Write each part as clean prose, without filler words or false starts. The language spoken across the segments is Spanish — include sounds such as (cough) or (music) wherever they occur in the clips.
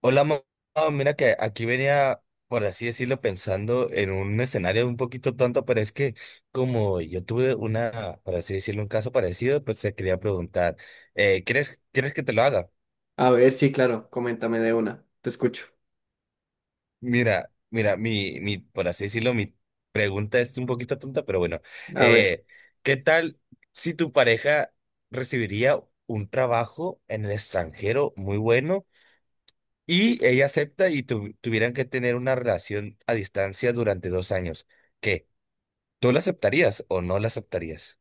Hola, mamá. Mira que aquí venía, por así decirlo, pensando en un escenario un poquito tonto, pero es que como yo tuve una, por así decirlo, un caso parecido, pues te quería preguntar, ¿¿quieres que te lo haga? A ver, sí, claro, coméntame de una, te escucho. Mira, mira, mi, por así decirlo, mi pregunta es un poquito tonta, pero bueno, A ver, eh, ¿qué tal si tu pareja recibiría un trabajo en el extranjero muy bueno? Y ella acepta y tuvieran que tener una relación a distancia durante 2 años. ¿Qué? ¿Tú la aceptarías o no la aceptarías?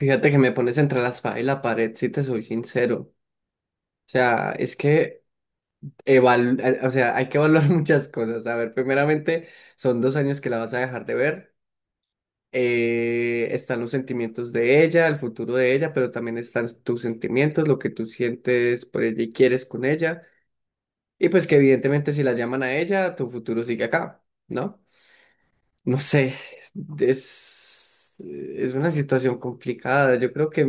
fíjate que me pones entre la espada y la pared, si te soy sincero. O sea, es que o sea, hay que evaluar (laughs) muchas cosas. A ver, primeramente, son 2 años que la vas a dejar de ver. Están los sentimientos de ella, el futuro de ella, pero también están tus sentimientos, lo que tú sientes por ella y quieres con ella. Y pues que evidentemente si la llaman a ella, tu futuro sigue acá, ¿no? No sé, es una situación complicada. Yo creo que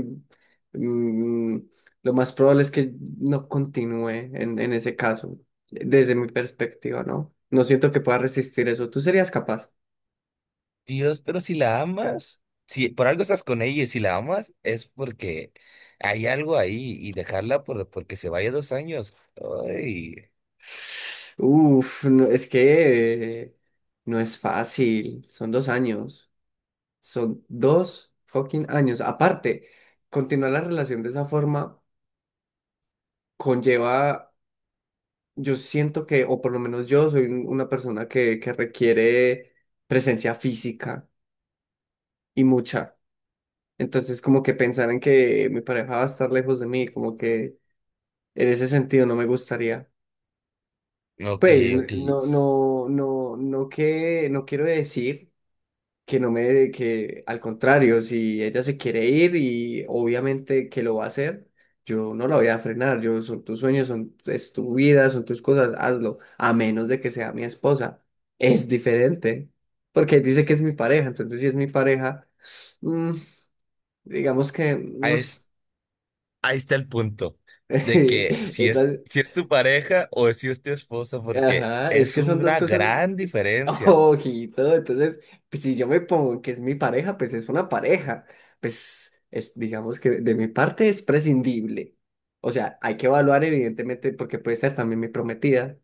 mm, lo más probable es que no continúe en ese caso, desde mi perspectiva, ¿no? No siento que pueda resistir eso. ¿Tú serías capaz? Dios, pero si la amas, si por algo estás con ella y si la amas, es porque hay algo ahí y dejarla porque se vaya 2 años. Ay, Uf, no, es que no es fácil. Son dos años. Son 2 fucking años. Aparte, continuar la relación de esa forma conlleva. Yo siento que, o por lo menos yo soy una persona que, requiere presencia física y mucha. Entonces, como que pensar en que mi pareja va a estar lejos de mí, como que en ese sentido no me gustaría. ok, Pues, ok. no, no, no, no que, no quiero decir. Que no me, que al contrario, si ella se quiere ir y obviamente que lo va a hacer, yo no la voy a frenar, yo son tus sueños, son, es tu vida, son tus cosas, hazlo, a menos de que sea mi esposa. Es diferente, porque dice que es mi pareja, entonces si es mi pareja, mm, digamos que Ahí, es- Ahí está el punto de que (laughs) si es, esa- si es tu pareja o si es tu esposa, porque ajá, es es que son dos una cosas. gran (laughs) diferencia. Ojito, entonces, pues, si yo me pongo que es mi pareja, pues es una pareja. Pues es, digamos que de mi parte es prescindible. O sea, hay que evaluar evidentemente porque puede ser también mi prometida.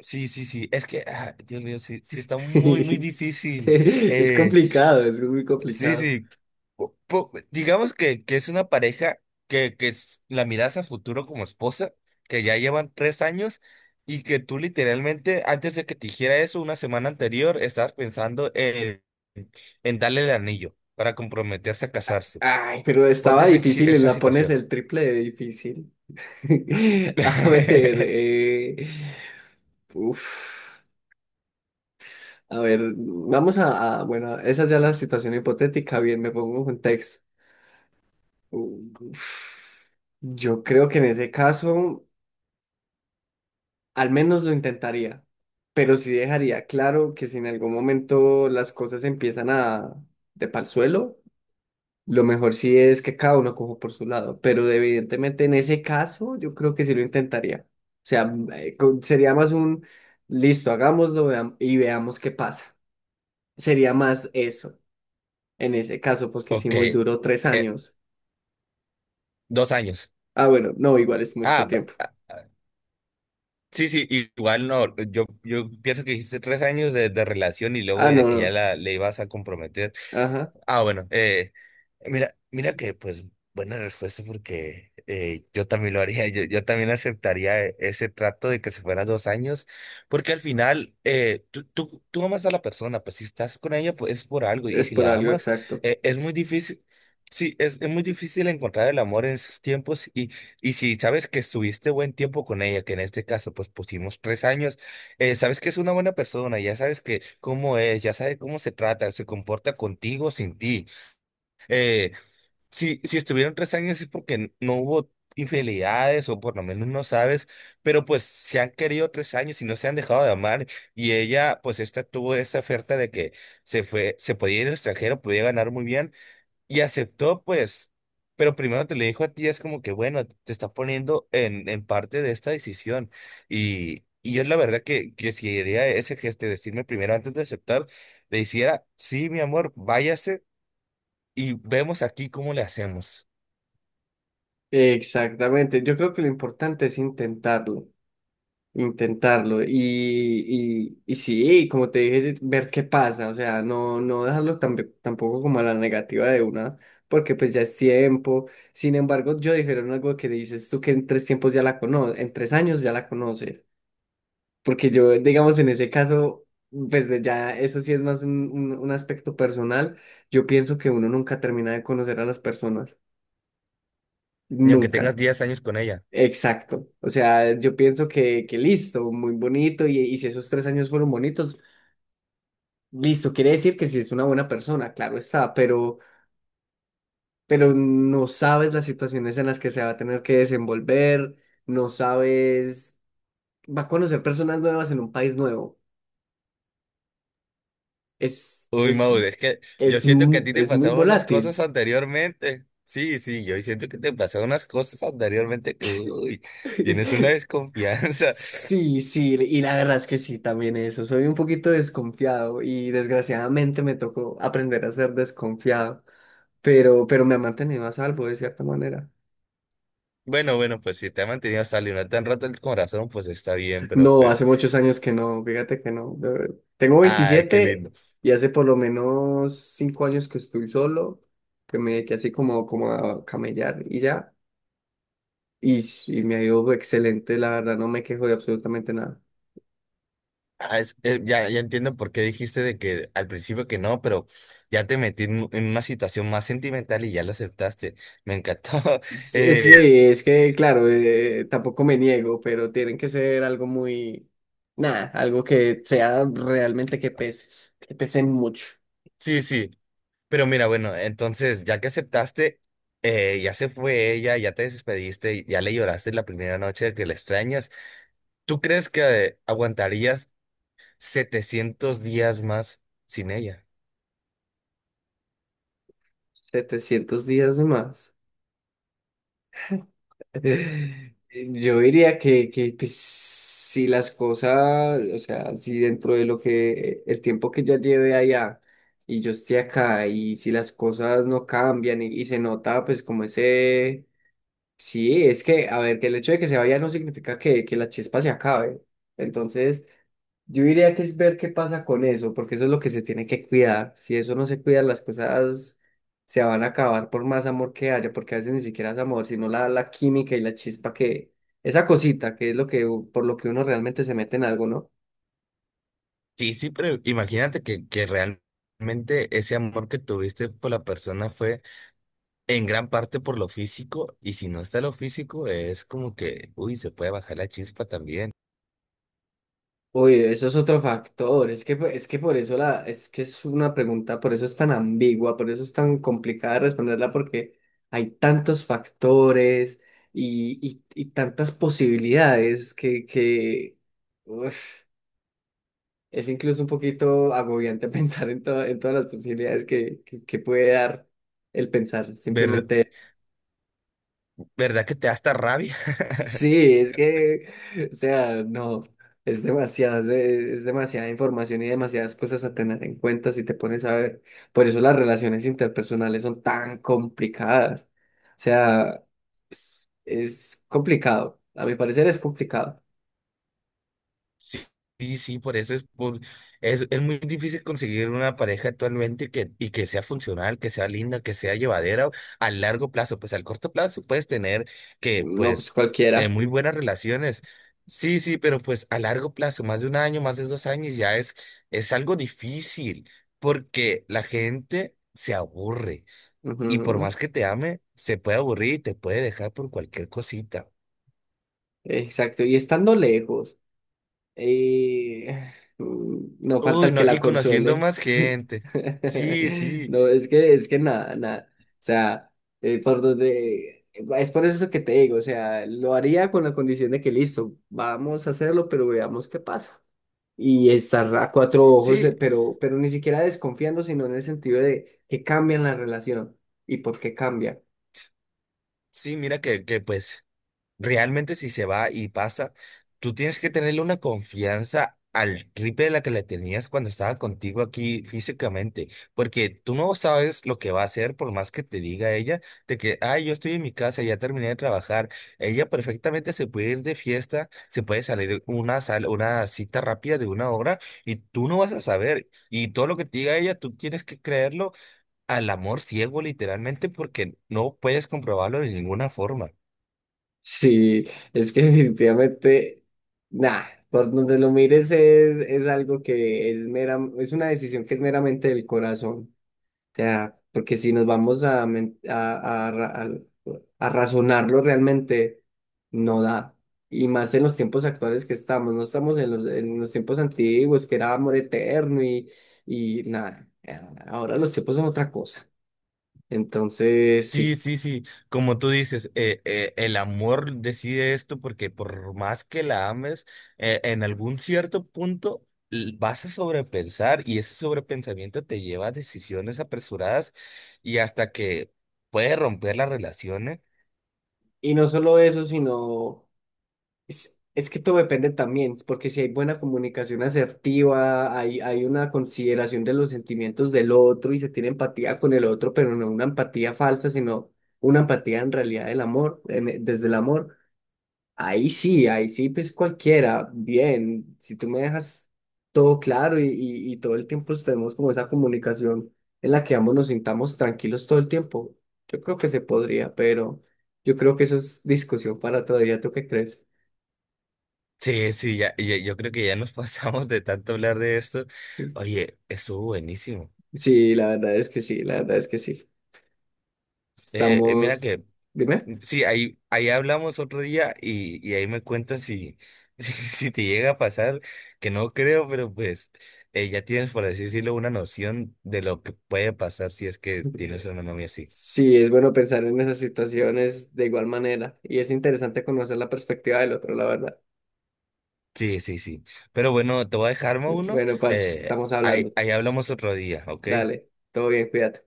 Sí, sí, sí. Es que, ah, Dios mío, sí, sí está muy, muy (laughs) difícil. Es Eh, complicado, es muy sí, complicado. sí. Digamos que es una pareja que, la miras a futuro como esposa, que ya llevan 3 años y que tú literalmente, antes de que te dijera eso, una semana anterior, estabas pensando en darle el anillo para comprometerse a casarse. Ay, pero Ponte estaba difícil y esa la pones situación. el triple de difícil. (laughs) A ver, (laughs) uf. A ver, vamos bueno, esa ya es la situación hipotética, bien, me pongo en contexto. Uf, yo creo que en ese caso al menos lo intentaría, pero sí dejaría claro que si en algún momento las cosas empiezan a de pa'l suelo, lo mejor sí es que cada uno coja por su lado, pero evidentemente en ese caso yo creo que sí lo intentaría. O sea, sería más un listo, hagámoslo y veamos qué pasa. Sería más eso. En ese caso, pues que sí, Ok. muy duro, tres años. 2 años. Ah, bueno, no, igual es mucho Ah. tiempo. Sí, sí, igual no, yo pienso que dijiste 3 años de relación y luego Ah, de no, que ya no. Le ibas a comprometer. Ajá. Ah, bueno, mira, mira que pues buena respuesta porque yo también lo haría, yo también aceptaría ese trato de que se fueran 2 años, porque al final tú, tú, tú amas a la persona, pues si estás con ella pues es por algo y Es si por la algo, amas exacto. Es muy difícil, sí, es muy difícil encontrar el amor en esos tiempos y si sabes que estuviste buen tiempo con ella, que en este caso pues pusimos 3 años, sabes que es una buena persona, ya sabes que cómo es, ya sabes cómo se trata, se comporta contigo, sin ti. Eh, si, si estuvieron 3 años es porque no hubo infidelidades o por lo menos no sabes, pero pues se han querido 3 años y no se han dejado de amar y ella pues esta tuvo esa oferta de que se fue, se podía ir al extranjero, podía ganar muy bien y aceptó, pues, pero primero te le dijo a ti, es como que, bueno, te está poniendo en parte de esta decisión. Y yo la verdad que si haría ese gesto, de decirme primero antes de aceptar, le hiciera, sí, mi amor, váyase y vemos aquí cómo le hacemos. Exactamente. Yo creo que lo importante es intentarlo, intentarlo. Y sí, como te dije, ver qué pasa. O sea, no, no dejarlo tampoco como a la negativa de una, porque pues ya es tiempo. Sin embargo, yo dijeron algo que dices tú que en tres tiempos ya la conoces, en 3 años ya la conoces. Porque yo, digamos, en ese caso, pues de ya eso sí es más un aspecto personal. Yo pienso que uno nunca termina de conocer a las personas. Y aunque Nunca. tengas 10 años con ella. Exacto. O sea, yo pienso que listo, muy bonito, y si esos 3 años fueron bonitos, listo, quiere decir que si es una buena persona, claro está, pero no sabes las situaciones en las que se va a tener que desenvolver, no sabes, va a conocer personas nuevas en un país nuevo. Es, Uy, es, Maud, es que yo siento que a ti te es muy pasaron unas cosas volátil. anteriormente. Sí, sí, yo siento que te pasaron unas cosas anteriormente que, uy, tienes una (laughs) desconfianza. Sí, sí, y la verdad es que sí, también eso. Soy un poquito desconfiado y desgraciadamente me tocó aprender a ser desconfiado, pero me ha mantenido a salvo de cierta manera. Bueno, bueno, pues si te ha mantenido hasta no tan rato el corazón, pues está bien, pero No, pues, hace muchos años que no, fíjate que no. Tengo ay, qué lindo. 27 y hace por lo menos 5 años que estoy solo, que me dediqué así como, como a camellar y ya. Y me ha ido excelente, la verdad, no me quejo de absolutamente nada. Ya, ya entiendo por qué dijiste de que al principio que no, pero ya te metí en una situación más sentimental y ya lo aceptaste. Me encantó. (laughs) Sí, sí, Eh, es que, claro, tampoco me niego, pero tienen que ser algo muy, nada, algo que sea realmente que pese mucho. sí, sí, pero mira, bueno, entonces ya que aceptaste, ya se fue ella, ya te despediste, ya le lloraste la primera noche de que la extrañas. ¿Tú crees que aguantarías 700 días más sin ella? 700 días más. (laughs) Yo diría que pues, si las cosas, o sea, si dentro de lo que el tiempo que ya lleve allá y yo esté acá y si las cosas no cambian y se nota pues como ese, sí, es que, a ver, que el hecho de que se vaya no significa que la chispa se acabe. Entonces... Yo diría que es ver qué pasa con eso, porque eso es lo que se tiene que cuidar. Si eso no se cuida, las cosas se van a acabar por más amor que haya, porque a veces ni siquiera es amor, sino la, la química y la chispa que, esa cosita que es lo que, por lo que uno realmente se mete en algo, ¿no? Sí, sí, pero imagínate que realmente ese amor que tuviste por la persona fue en gran parte por lo físico, y si no está lo físico, es como que, uy, se puede bajar la chispa también. Oye, eso es otro factor, es que por eso la, es que es una pregunta, por eso es tan ambigua, por eso es tan complicada de responderla, porque hay tantos factores y tantas posibilidades uf. Es incluso un poquito agobiante (laughs) pensar en, en todas las posibilidades que puede dar el pensar. ¿Verdad, Simplemente, verdad que te da hasta rabia? sí, es que, o sea, no, es demasiado, es demasiada información y demasiadas cosas a tener en cuenta si te pones a ver. Por eso las relaciones interpersonales son tan complicadas. O sea, es complicado. A mi parecer es complicado. Sí, sí, sí, por eso es muy difícil conseguir una pareja actualmente que, y que sea funcional, que sea linda, que sea llevadera a largo plazo. Pues al corto plazo puedes tener que, No, pues pues, cualquiera. muy buenas relaciones. Sí, sí, pero pues a largo plazo, más de 1 año, más de 2 años, ya es algo difícil porque la gente se aburre y por Ujú, más que te ame, se puede aburrir y te puede dejar por cualquier cosita. exacto. Y estando lejos. Y (laughs) no falta Uy, el que no, y la conociendo consuele. más (laughs) gente. Sí, sí. No, es que nada, nada. O sea, por donde. Es por eso que te digo, o sea, lo haría con la condición de que listo, vamos a hacerlo, pero veamos qué pasa. Y estar a cuatro ojos, Sí, pero ni siquiera desconfiando, sino en el sentido de que cambian la relación. ¿Y por qué cambia? sí, mira que pues realmente si se va y pasa, tú tienes que tenerle una confianza al triple de la que le tenías cuando estaba contigo aquí físicamente, porque tú no sabes lo que va a hacer por más que te diga ella de que, ay, yo estoy en mi casa, ya terminé de trabajar. Ella perfectamente se puede ir de fiesta, se puede salir una cita rápida de 1 hora y tú no vas a saber. Y todo lo que te diga ella, tú tienes que creerlo al amor ciego literalmente porque no puedes comprobarlo de ninguna forma. Sí, es que (laughs) definitivamente, nah, por donde lo mires es algo que es mera, es una decisión que es meramente del corazón. O sea, porque si nos vamos a, men- a ra- a razonarlo realmente, no da. Y más en los tiempos actuales que estamos, no estamos en los tiempos antiguos, que era amor eterno y nada. Ahora los tiempos son otra cosa. Entonces, Sí, sí. sí, sí, como tú dices, el amor decide esto porque por más que la ames, en algún cierto punto vas a sobrepensar y ese sobrepensamiento te lleva a decisiones apresuradas y hasta que puede romper las relaciones. Y no solo eso, sino. Es que todo depende también, porque si hay buena comunicación asertiva, hay una consideración de los sentimientos del otro y se tiene empatía con el otro, pero no una empatía falsa, sino una empatía en realidad del amor, desde el amor. Ahí sí, pues cualquiera, bien, si tú me dejas todo claro y todo el tiempo tenemos como esa comunicación en la que ambos nos sintamos tranquilos todo el tiempo, yo creo que se podría, pero yo creo que eso es discusión para otro día, ¿tú qué crees? Sí, sí, yo creo que ya nos (laughs) pasamos de tanto hablar de esto. Sí. Oye, estuvo buenísimo. Sí, la verdad es que sí, la verdad es que sí. Mira Estamos, que dime. Mm, sí, ahí, ahí hablamos otro día y ahí me cuentas si, (laughs) si, si te llega a pasar, que no creo, pero pues ya tienes, por así decirlo, una noción de lo que puede pasar si es que tienes una (laughs) novia así. Sí, es bueno pensar en esas situaciones de igual manera y es interesante conocer la perspectiva del otro, la verdad. Sí, sí, sí. Pero bueno, te voy a dejar uno. Bueno, parce, estamos Ahí, hablando. ahí hablamos otro día, ¿ok? Dale, todo bien, cuídate.